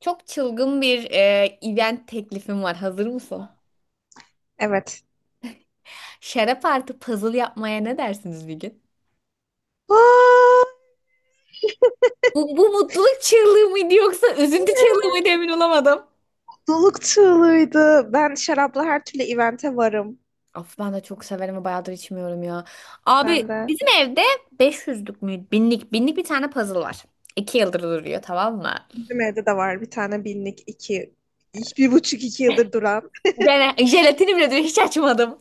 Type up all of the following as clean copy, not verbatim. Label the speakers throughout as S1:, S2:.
S1: Çok çılgın bir event teklifim var. Hazır mısın?
S2: Evet.
S1: Şarap artı puzzle yapmaya ne dersiniz bir gün?
S2: Aa,
S1: Bu mutluluk çığlığı mıydı yoksa üzüntü çığlığı
S2: evet.
S1: mıydı emin olamadım.
S2: Mutluluk çığlığıydı. Ben şarapla her türlü evente varım.
S1: Of ben de çok severim ve bayağıdır içmiyorum ya. Abi
S2: Ben de.
S1: bizim evde 500'lük mü? Binlik bir tane puzzle var. İki yıldır duruyor tamam mı?
S2: Bizim evde de var bir tane binlik, iki, bir buçuk iki yıldır duran.
S1: Ben jelatini bile diyor hiç açmadım.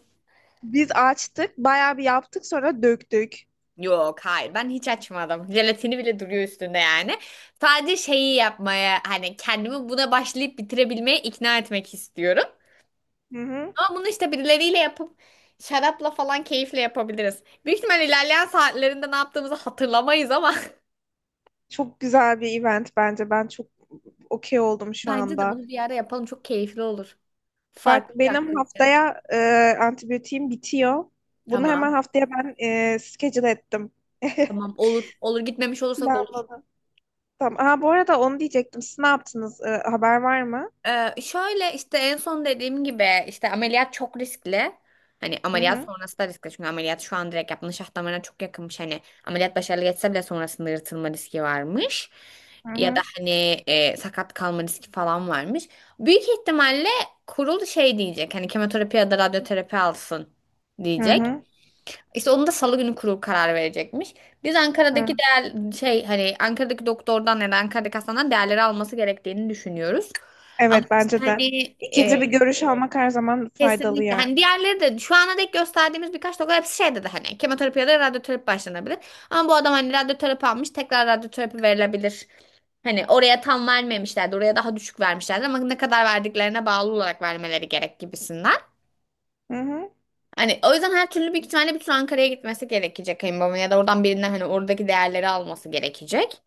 S2: Biz açtık, bayağı bir yaptık sonra döktük.
S1: Yok hayır ben hiç açmadım. Jelatini bile duruyor üstünde yani. Sadece şeyi yapmaya hani kendimi buna başlayıp bitirebilmeye ikna etmek istiyorum.
S2: Hı hı.
S1: Ama bunu işte birileriyle yapıp şarapla falan keyifle yapabiliriz. Büyük ihtimal ilerleyen saatlerinde ne yaptığımızı hatırlamayız ama
S2: Çok güzel bir event bence. Ben çok okey oldum şu
S1: bence de
S2: anda.
S1: bunu bir yere yapalım çok keyifli olur. Farklı
S2: Bak
S1: bir
S2: benim
S1: aktivite.
S2: haftaya antibiyotiğim bitiyor. Bunu hemen
S1: Tamam.
S2: haftaya ben schedule ettim.
S1: Tamam olur. Olur gitmemiş olursak olur.
S2: Planladım. Tamam. Aa, bu arada onu diyecektim. Siz ne yaptınız? Haber var mı?
S1: Şöyle işte en son dediğim gibi işte ameliyat çok riskli. Hani
S2: Hı
S1: ameliyat
S2: hı.
S1: sonrası da riskli çünkü ameliyat şu an direkt yapılan şah damarına çok yakınmış. Hani ameliyat başarılı geçse bile sonrasında yırtılma riski varmış.
S2: Hı
S1: Ya da
S2: hı.
S1: hani sakat kalma riski falan varmış. Büyük ihtimalle kurul şey diyecek hani kemoterapi ya da radyoterapi alsın
S2: Hı
S1: diyecek.
S2: hı.
S1: İşte onu da Salı günü kurul karar verecekmiş. Biz Ankara'daki
S2: Hı.
S1: değer şey hani Ankara'daki doktordan ya da Ankara'daki hastaneden değerleri alması gerektiğini düşünüyoruz. Ama
S2: Evet
S1: işte
S2: bence de.
S1: hani e,
S2: İkinci bir görüş almak her zaman faydalı
S1: kesinlikle
S2: yani.
S1: hani diğerleri de şu ana dek gösterdiğimiz birkaç doktor hepsi şey dedi hani kemoterapi ya da radyoterapi başlanabilir. Ama bu adam hani radyoterapi almış tekrar radyoterapi verilebilir. Hani oraya tam vermemişlerdi. Oraya daha düşük vermişlerdi ama ne kadar verdiklerine bağlı olarak vermeleri gerek gibisinden.
S2: Hı hı.
S1: Hani o yüzden her türlü büyük ihtimalle bir tur Ankara'ya gitmesi gerekecek kayınbabamın ya da oradan birinden hani oradaki değerleri alması gerekecek.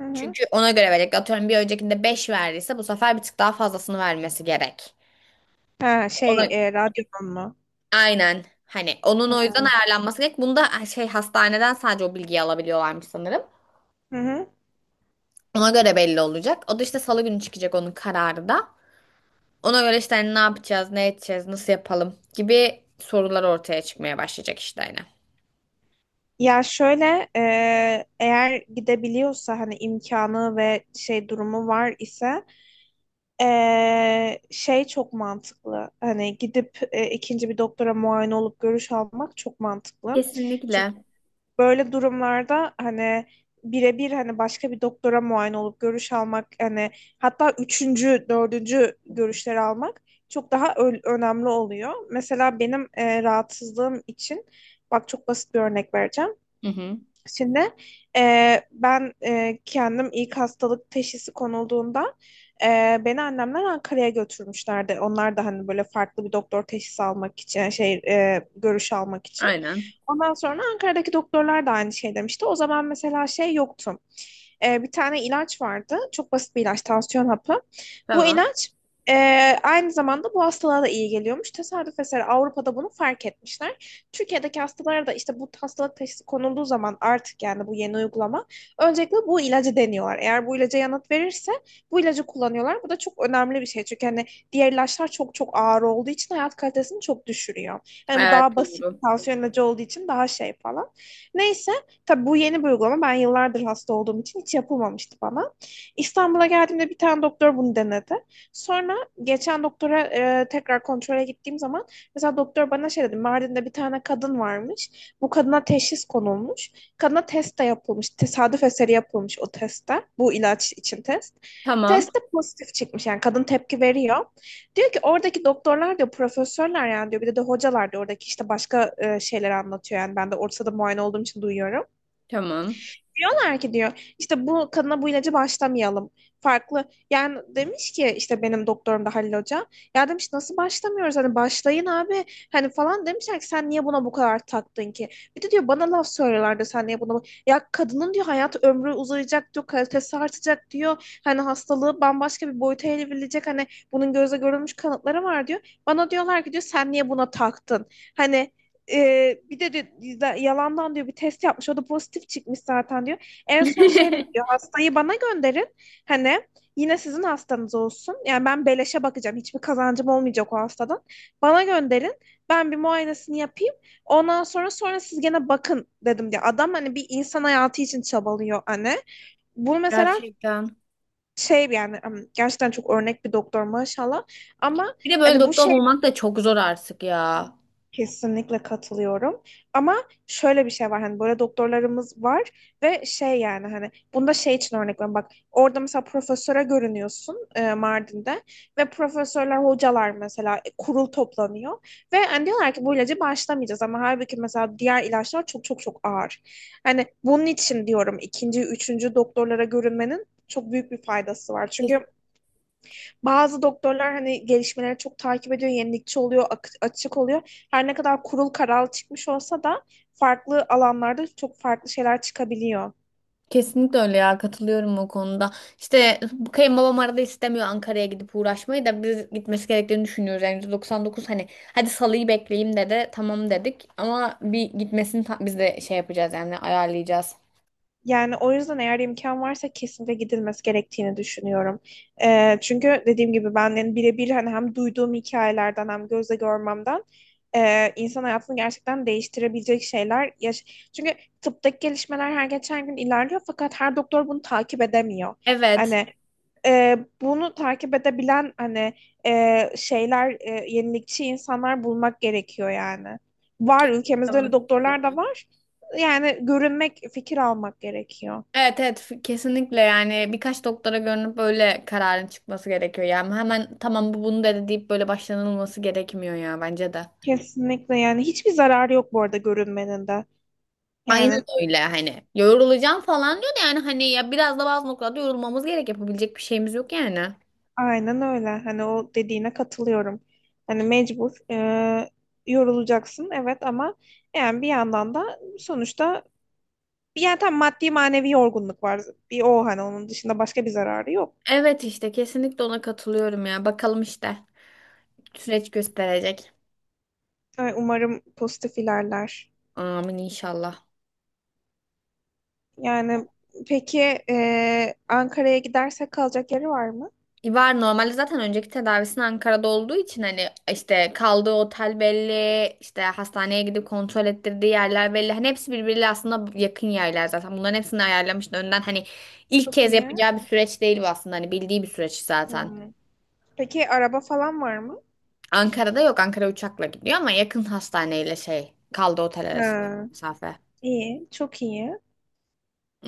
S2: Hı hı.
S1: Çünkü ona göre verecek. Atıyorum bir öncekinde 5 verdiyse bu sefer bir tık daha fazlasını vermesi gerek.
S2: Ha
S1: Ona
S2: şey, radyonun mu?
S1: aynen hani onun
S2: Hı
S1: o yüzden
S2: hı.
S1: ayarlanması gerek. Bunda şey hastaneden sadece o bilgiyi alabiliyorlarmış sanırım.
S2: Hı hı.
S1: Ona göre belli olacak. O da işte salı günü çıkacak onun kararı da. Ona göre işte hani ne yapacağız, ne edeceğiz, nasıl yapalım gibi sorular ortaya çıkmaya başlayacak işte hani.
S2: Ya şöyle, eğer gidebiliyorsa hani imkanı ve şey durumu var ise şey çok mantıklı. Hani gidip ikinci bir doktora muayene olup görüş almak çok mantıklı. Çünkü
S1: Kesinlikle.
S2: böyle durumlarda hani birebir hani başka bir doktora muayene olup görüş almak, hani hatta üçüncü, dördüncü görüşleri almak çok daha önemli oluyor. Mesela benim rahatsızlığım için bak çok basit bir örnek vereceğim.
S1: Hı hı.
S2: Şimdi ben kendim ilk hastalık teşhisi konulduğunda, e, beni annemler Ankara'ya götürmüşlerdi. Onlar da hani böyle farklı bir doktor teşhisi almak için, yani şey, görüş almak için.
S1: Aynen.
S2: Ondan sonra Ankara'daki doktorlar da aynı şey demişti. O zaman mesela şey yoktu. E, bir tane ilaç vardı. Çok basit bir ilaç, tansiyon hapı. Bu
S1: Tamam.
S2: ilaç e, aynı zamanda bu hastalığa da iyi geliyormuş. Tesadüf eseri Avrupa'da bunu fark etmişler. Türkiye'deki hastalara da işte bu hastalık teşhisi konulduğu zaman, artık yani bu yeni uygulama, öncelikle bu ilacı deniyorlar. Eğer bu ilaca yanıt verirse bu ilacı kullanıyorlar. Bu da çok önemli bir şey. Çünkü hani diğer ilaçlar çok çok ağır olduğu için hayat kalitesini çok düşürüyor. Yani bu
S1: Evet
S2: daha basit
S1: doğru.
S2: tansiyon ilacı olduğu için daha şey falan. Neyse, tabii bu yeni bir uygulama. Ben yıllardır hasta olduğum için hiç yapılmamıştı bana. İstanbul'a geldiğimde bir tane doktor bunu denedi. Sonra geçen doktora tekrar kontrole gittiğim zaman, mesela doktor bana şey dedi. Mardin'de bir tane kadın varmış. Bu kadına teşhis konulmuş. Kadına test de yapılmış. Tesadüf eseri yapılmış o testte. Bu ilaç için test.
S1: Tamam.
S2: Testte pozitif çıkmış. Yani kadın tepki veriyor. Diyor ki oradaki doktorlar diyor, profesörler yani diyor. Bir de hocalar diyor. Oradaki işte başka şeyler anlatıyor. Yani ben de ortada muayene olduğum için duyuyorum.
S1: Tamam.
S2: Diyorlar ki diyor işte bu kadına bu ilacı başlamayalım. Farklı, yani demiş ki işte benim doktorum da Halil Hoca. Ya demiş nasıl başlamıyoruz, hani başlayın abi hani falan, demişler ki sen niye buna bu kadar taktın ki? Bir de diyor bana laf söylüyorlardı, sen niye buna bu-" Ya kadının diyor hayat ömrü uzayacak diyor, kalitesi artacak diyor. Hani hastalığı bambaşka bir boyuta evrilecek, hani bunun gözle görülmüş kanıtları var diyor. Bana diyorlar ki diyor sen niye buna taktın? Hani bir de, diyor, yalandan diyor bir test yapmış. O da pozitif çıkmış zaten diyor. En son şey de diyor, hastayı bana gönderin. Hani yine sizin hastanız olsun. Yani ben beleşe bakacağım. Hiçbir kazancım olmayacak o hastadan. Bana gönderin. Ben bir muayenesini yapayım. Ondan sonra siz gene bakın dedim diye. Adam hani bir insan hayatı için çabalıyor hani. Bu mesela
S1: Gerçekten.
S2: şey yani gerçekten çok örnek bir doktor maşallah. Ama
S1: Bir de böyle
S2: hani bu
S1: doktor
S2: şey,
S1: bulmak da çok zor artık ya.
S2: kesinlikle katılıyorum. Ama şöyle bir şey var, hani böyle doktorlarımız var ve şey yani, hani bunda şey için örnek veriyorum, bak orada mesela profesöre görünüyorsun, Mardin'de, ve profesörler hocalar mesela, kurul toplanıyor ve hani diyorlar ki bu ilacı başlamayacağız, ama halbuki mesela diğer ilaçlar çok çok çok ağır. Hani bunun için diyorum ikinci, üçüncü doktorlara görünmenin çok büyük bir faydası var.
S1: Kes-
S2: Çünkü bazı doktorlar hani gelişmeleri çok takip ediyor, yenilikçi oluyor, açık oluyor. Her ne kadar kurul karar çıkmış olsa da farklı alanlarda çok farklı şeyler çıkabiliyor.
S1: Kesinlikle öyle ya katılıyorum o konuda. İşte bu kayınbabam arada istemiyor Ankara'ya gidip uğraşmayı da biz gitmesi gerektiğini düşünüyoruz. Yani %99 hani hadi salıyı bekleyeyim dedi tamam dedik ama bir gitmesini biz de şey yapacağız yani ayarlayacağız.
S2: Yani o yüzden eğer imkan varsa kesinlikle gidilmesi gerektiğini düşünüyorum. Çünkü dediğim gibi ben yani birebir hani hem duyduğum hikayelerden hem gözle görmemden, insan hayatını gerçekten değiştirebilecek şeyler. Yaş, çünkü tıptaki gelişmeler her geçen gün ilerliyor fakat her doktor bunu takip edemiyor.
S1: Evet.
S2: Hani bunu takip edebilen hani şeyler, yenilikçi insanlar bulmak gerekiyor yani. Var,
S1: Kesinlikle
S2: ülkemizde
S1: buna
S2: öyle doktorlar da
S1: katılıyorum.
S2: var. Yani görünmek, fikir almak gerekiyor.
S1: Evet evet kesinlikle yani birkaç doktora görünüp böyle kararın çıkması gerekiyor. Yani hemen tamam bunu dedi deyip böyle başlanılması gerekmiyor ya bence de.
S2: Kesinlikle yani hiçbir zararı yok bu arada görünmenin de.
S1: Aynen
S2: Yani
S1: öyle hani yorulacağım falan diyor da yani hani ya biraz da bazı noktada yorulmamız gerek yapabilecek bir şeyimiz yok yani.
S2: aynen öyle. Hani o dediğine katılıyorum. Hani mecbur yorulacaksın evet, ama yani bir yandan da sonuçta yani tam maddi manevi yorgunluk var. Bir o, hani onun dışında başka bir zararı yok.
S1: Evet işte kesinlikle ona katılıyorum ya bakalım işte süreç gösterecek.
S2: Ay, umarım pozitif ilerler.
S1: Amin inşallah.
S2: Yani peki, Ankara'ya gidersek kalacak yeri var mı?
S1: Var normalde zaten önceki tedavisinin Ankara'da olduğu için hani işte kaldığı otel belli, işte hastaneye gidip kontrol ettirdiği yerler belli. Hani hepsi birbiriyle aslında yakın yerler zaten. Bunların hepsini ayarlamıştı önden. Hani ilk
S2: Çok
S1: kez
S2: iyi.
S1: yapacağı bir süreç değil bu aslında. Hani bildiği bir süreç zaten.
S2: Hmm. Peki araba falan var mı?
S1: Ankara'da yok. Ankara uçakla gidiyor ama yakın hastaneyle şey kaldığı otel arasında
S2: Ha,
S1: mesafe.
S2: iyi, çok iyi.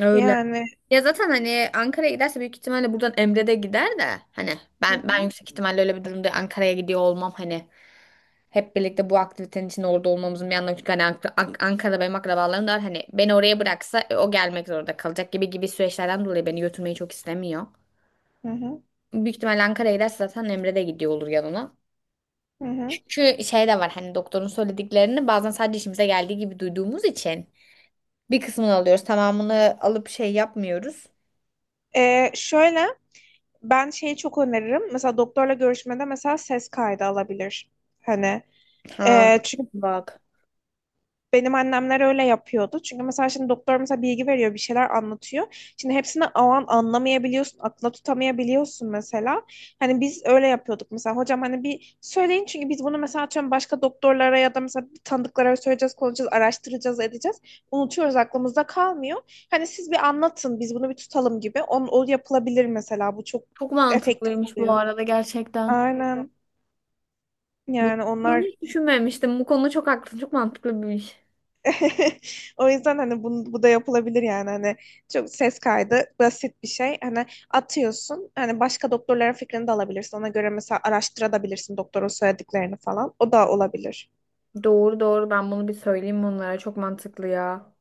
S1: Öyle.
S2: Yani
S1: Ya zaten hani Ankara'ya giderse büyük ihtimalle buradan Emre de gider de hani
S2: hı
S1: ben
S2: hı,
S1: ben yüksek ihtimalle öyle bir durumda Ankara'ya gidiyor olmam hani hep birlikte bu aktivitenin içinde orada olmamızın bir anlamı çünkü hani Ankara'da benim akrabalarım da var hani beni oraya bıraksa o gelmek zorunda kalacak gibi gibi süreçlerden dolayı beni götürmeyi çok istemiyor.
S2: hı hı,
S1: Büyük ihtimalle Ankara'ya giderse zaten Emre de gidiyor olur yanına.
S2: hı hı.
S1: Çünkü şey de var hani doktorun söylediklerini bazen sadece işimize geldiği gibi duyduğumuz için bir kısmını alıyoruz tamamını alıp şey yapmıyoruz.
S2: E, şöyle, ben şeyi çok öneririm. Mesela doktorla görüşmede mesela ses kaydı alabilir. Hani
S1: Ha
S2: çünkü
S1: bak.
S2: benim annemler öyle yapıyordu. Çünkü mesela şimdi doktor mesela bilgi veriyor, bir şeyler anlatıyor. Şimdi hepsini o an anlamayabiliyorsun, akla tutamayabiliyorsun mesela. Hani biz öyle yapıyorduk mesela. Hocam hani bir söyleyin, çünkü biz bunu mesela atıyorum başka doktorlara ya da mesela tanıdıklara söyleyeceğiz, konuşacağız, araştıracağız, edeceğiz. Unutuyoruz, aklımızda kalmıyor. Hani siz bir anlatın, biz bunu bir tutalım gibi. O yapılabilir mesela. Bu çok
S1: Çok
S2: efektif
S1: mantıklıymış bu
S2: oluyor.
S1: arada gerçekten.
S2: Aynen.
S1: Bu-
S2: Yani
S1: Bunu
S2: onlar.
S1: hiç düşünmemiştim. Bu konuda çok haklısın. Çok mantıklı bir iş.
S2: O yüzden hani bu da yapılabilir yani, hani çok ses kaydı basit bir şey. Hani atıyorsun hani başka doktorların fikrini de alabilirsin. Ona göre mesela araştırabilirsin doktorun söylediklerini falan. O da olabilir.
S1: Doğru ben bunu bir söyleyeyim onlara. Çok mantıklı ya.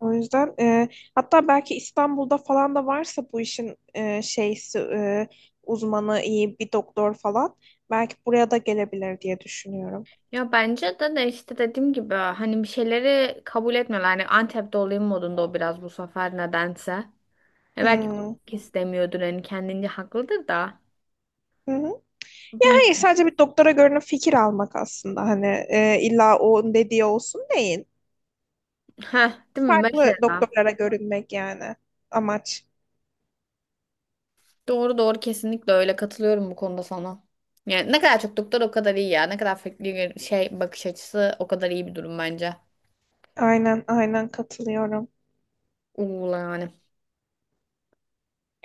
S2: O yüzden hatta belki İstanbul'da falan da varsa bu işin şeysi, uzmanı iyi bir doktor falan belki buraya da gelebilir diye düşünüyorum.
S1: Ya bence de işte dediğim gibi hani bir şeyleri kabul etmiyorlar. Hani Antep'te olayım modunda o biraz bu sefer nedense. E belki o
S2: Hmm.
S1: istemiyordur hani kendince haklıdır da.
S2: Hı hı. Hayır,
S1: Bilmiyorum.
S2: sadece bir doktora görünüp fikir almak aslında hani, illa o dediği olsun değil.
S1: Heh, değil mi
S2: Farklı
S1: mesela?
S2: doktorlara görünmek yani amaç.
S1: Doğru kesinlikle öyle katılıyorum bu konuda sana. Yani ne kadar çok doktor o kadar iyi ya. Ne kadar farklı şey bakış açısı o kadar iyi bir durum bence.
S2: Aynen aynen katılıyorum.
S1: Uğla yani.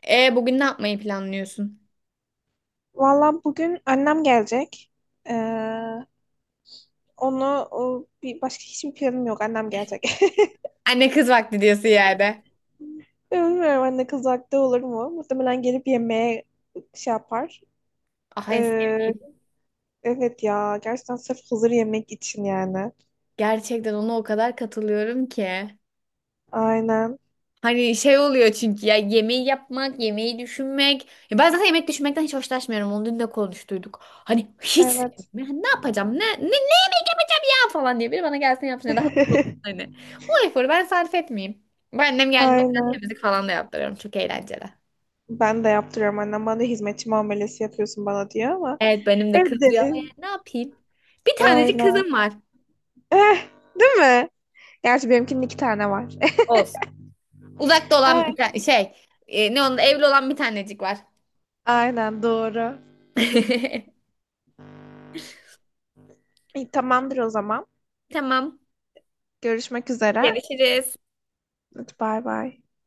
S1: E bugün ne yapmayı planlıyorsun?
S2: Valla bugün annem gelecek. Ee, onu, o, bir başka hiçbir planım yok. Annem gelecek.
S1: Anne kız vakti diyorsun yerde.
S2: Bilmiyorum anne kız haklı olur mu? Muhtemelen gelip yemeğe şey yapar.
S1: Ah en
S2: Ee,
S1: sevdiğim.
S2: evet ya, gerçekten sırf hazır yemek için yani.
S1: Gerçekten ona o kadar katılıyorum ki.
S2: Aynen.
S1: Hani şey oluyor çünkü ya yemeği yapmak, yemeği düşünmek. Ya ben zaten yemek düşünmekten hiç hoşlaşmıyorum. Onu dün de konuştuyduk. Hani hiç
S2: Evet.
S1: sevmiyorum. Hani ne yapacağım? Ne yemek yapacağım ya falan diye biri bana gelsin yapsın ya da hazır olsun hani. O eforu ben sarf etmeyeyim. Ben annem geldiğinde
S2: Aynen.
S1: temizlik falan da yaptırıyorum. Çok eğlenceli.
S2: Ben de yaptırıyorum annem. Bana da hizmetçi muamelesi yapıyorsun bana diyor ama.
S1: Evet benim de
S2: Evet.
S1: kızıyor ama yani ne yapayım? Bir tanecik
S2: Aynen.
S1: kızım var.
S2: Eh, değil mi? Gerçi benimkinin iki tane var.
S1: Olsun. Uzakta olan
S2: Ay,
S1: bir tane şey. Ne onun evli olan bir tanecik var.
S2: aynen doğru. İyi, tamamdır o zaman.
S1: Tamam.
S2: Görüşmek üzere.
S1: Görüşürüz.
S2: Hadi bay bay.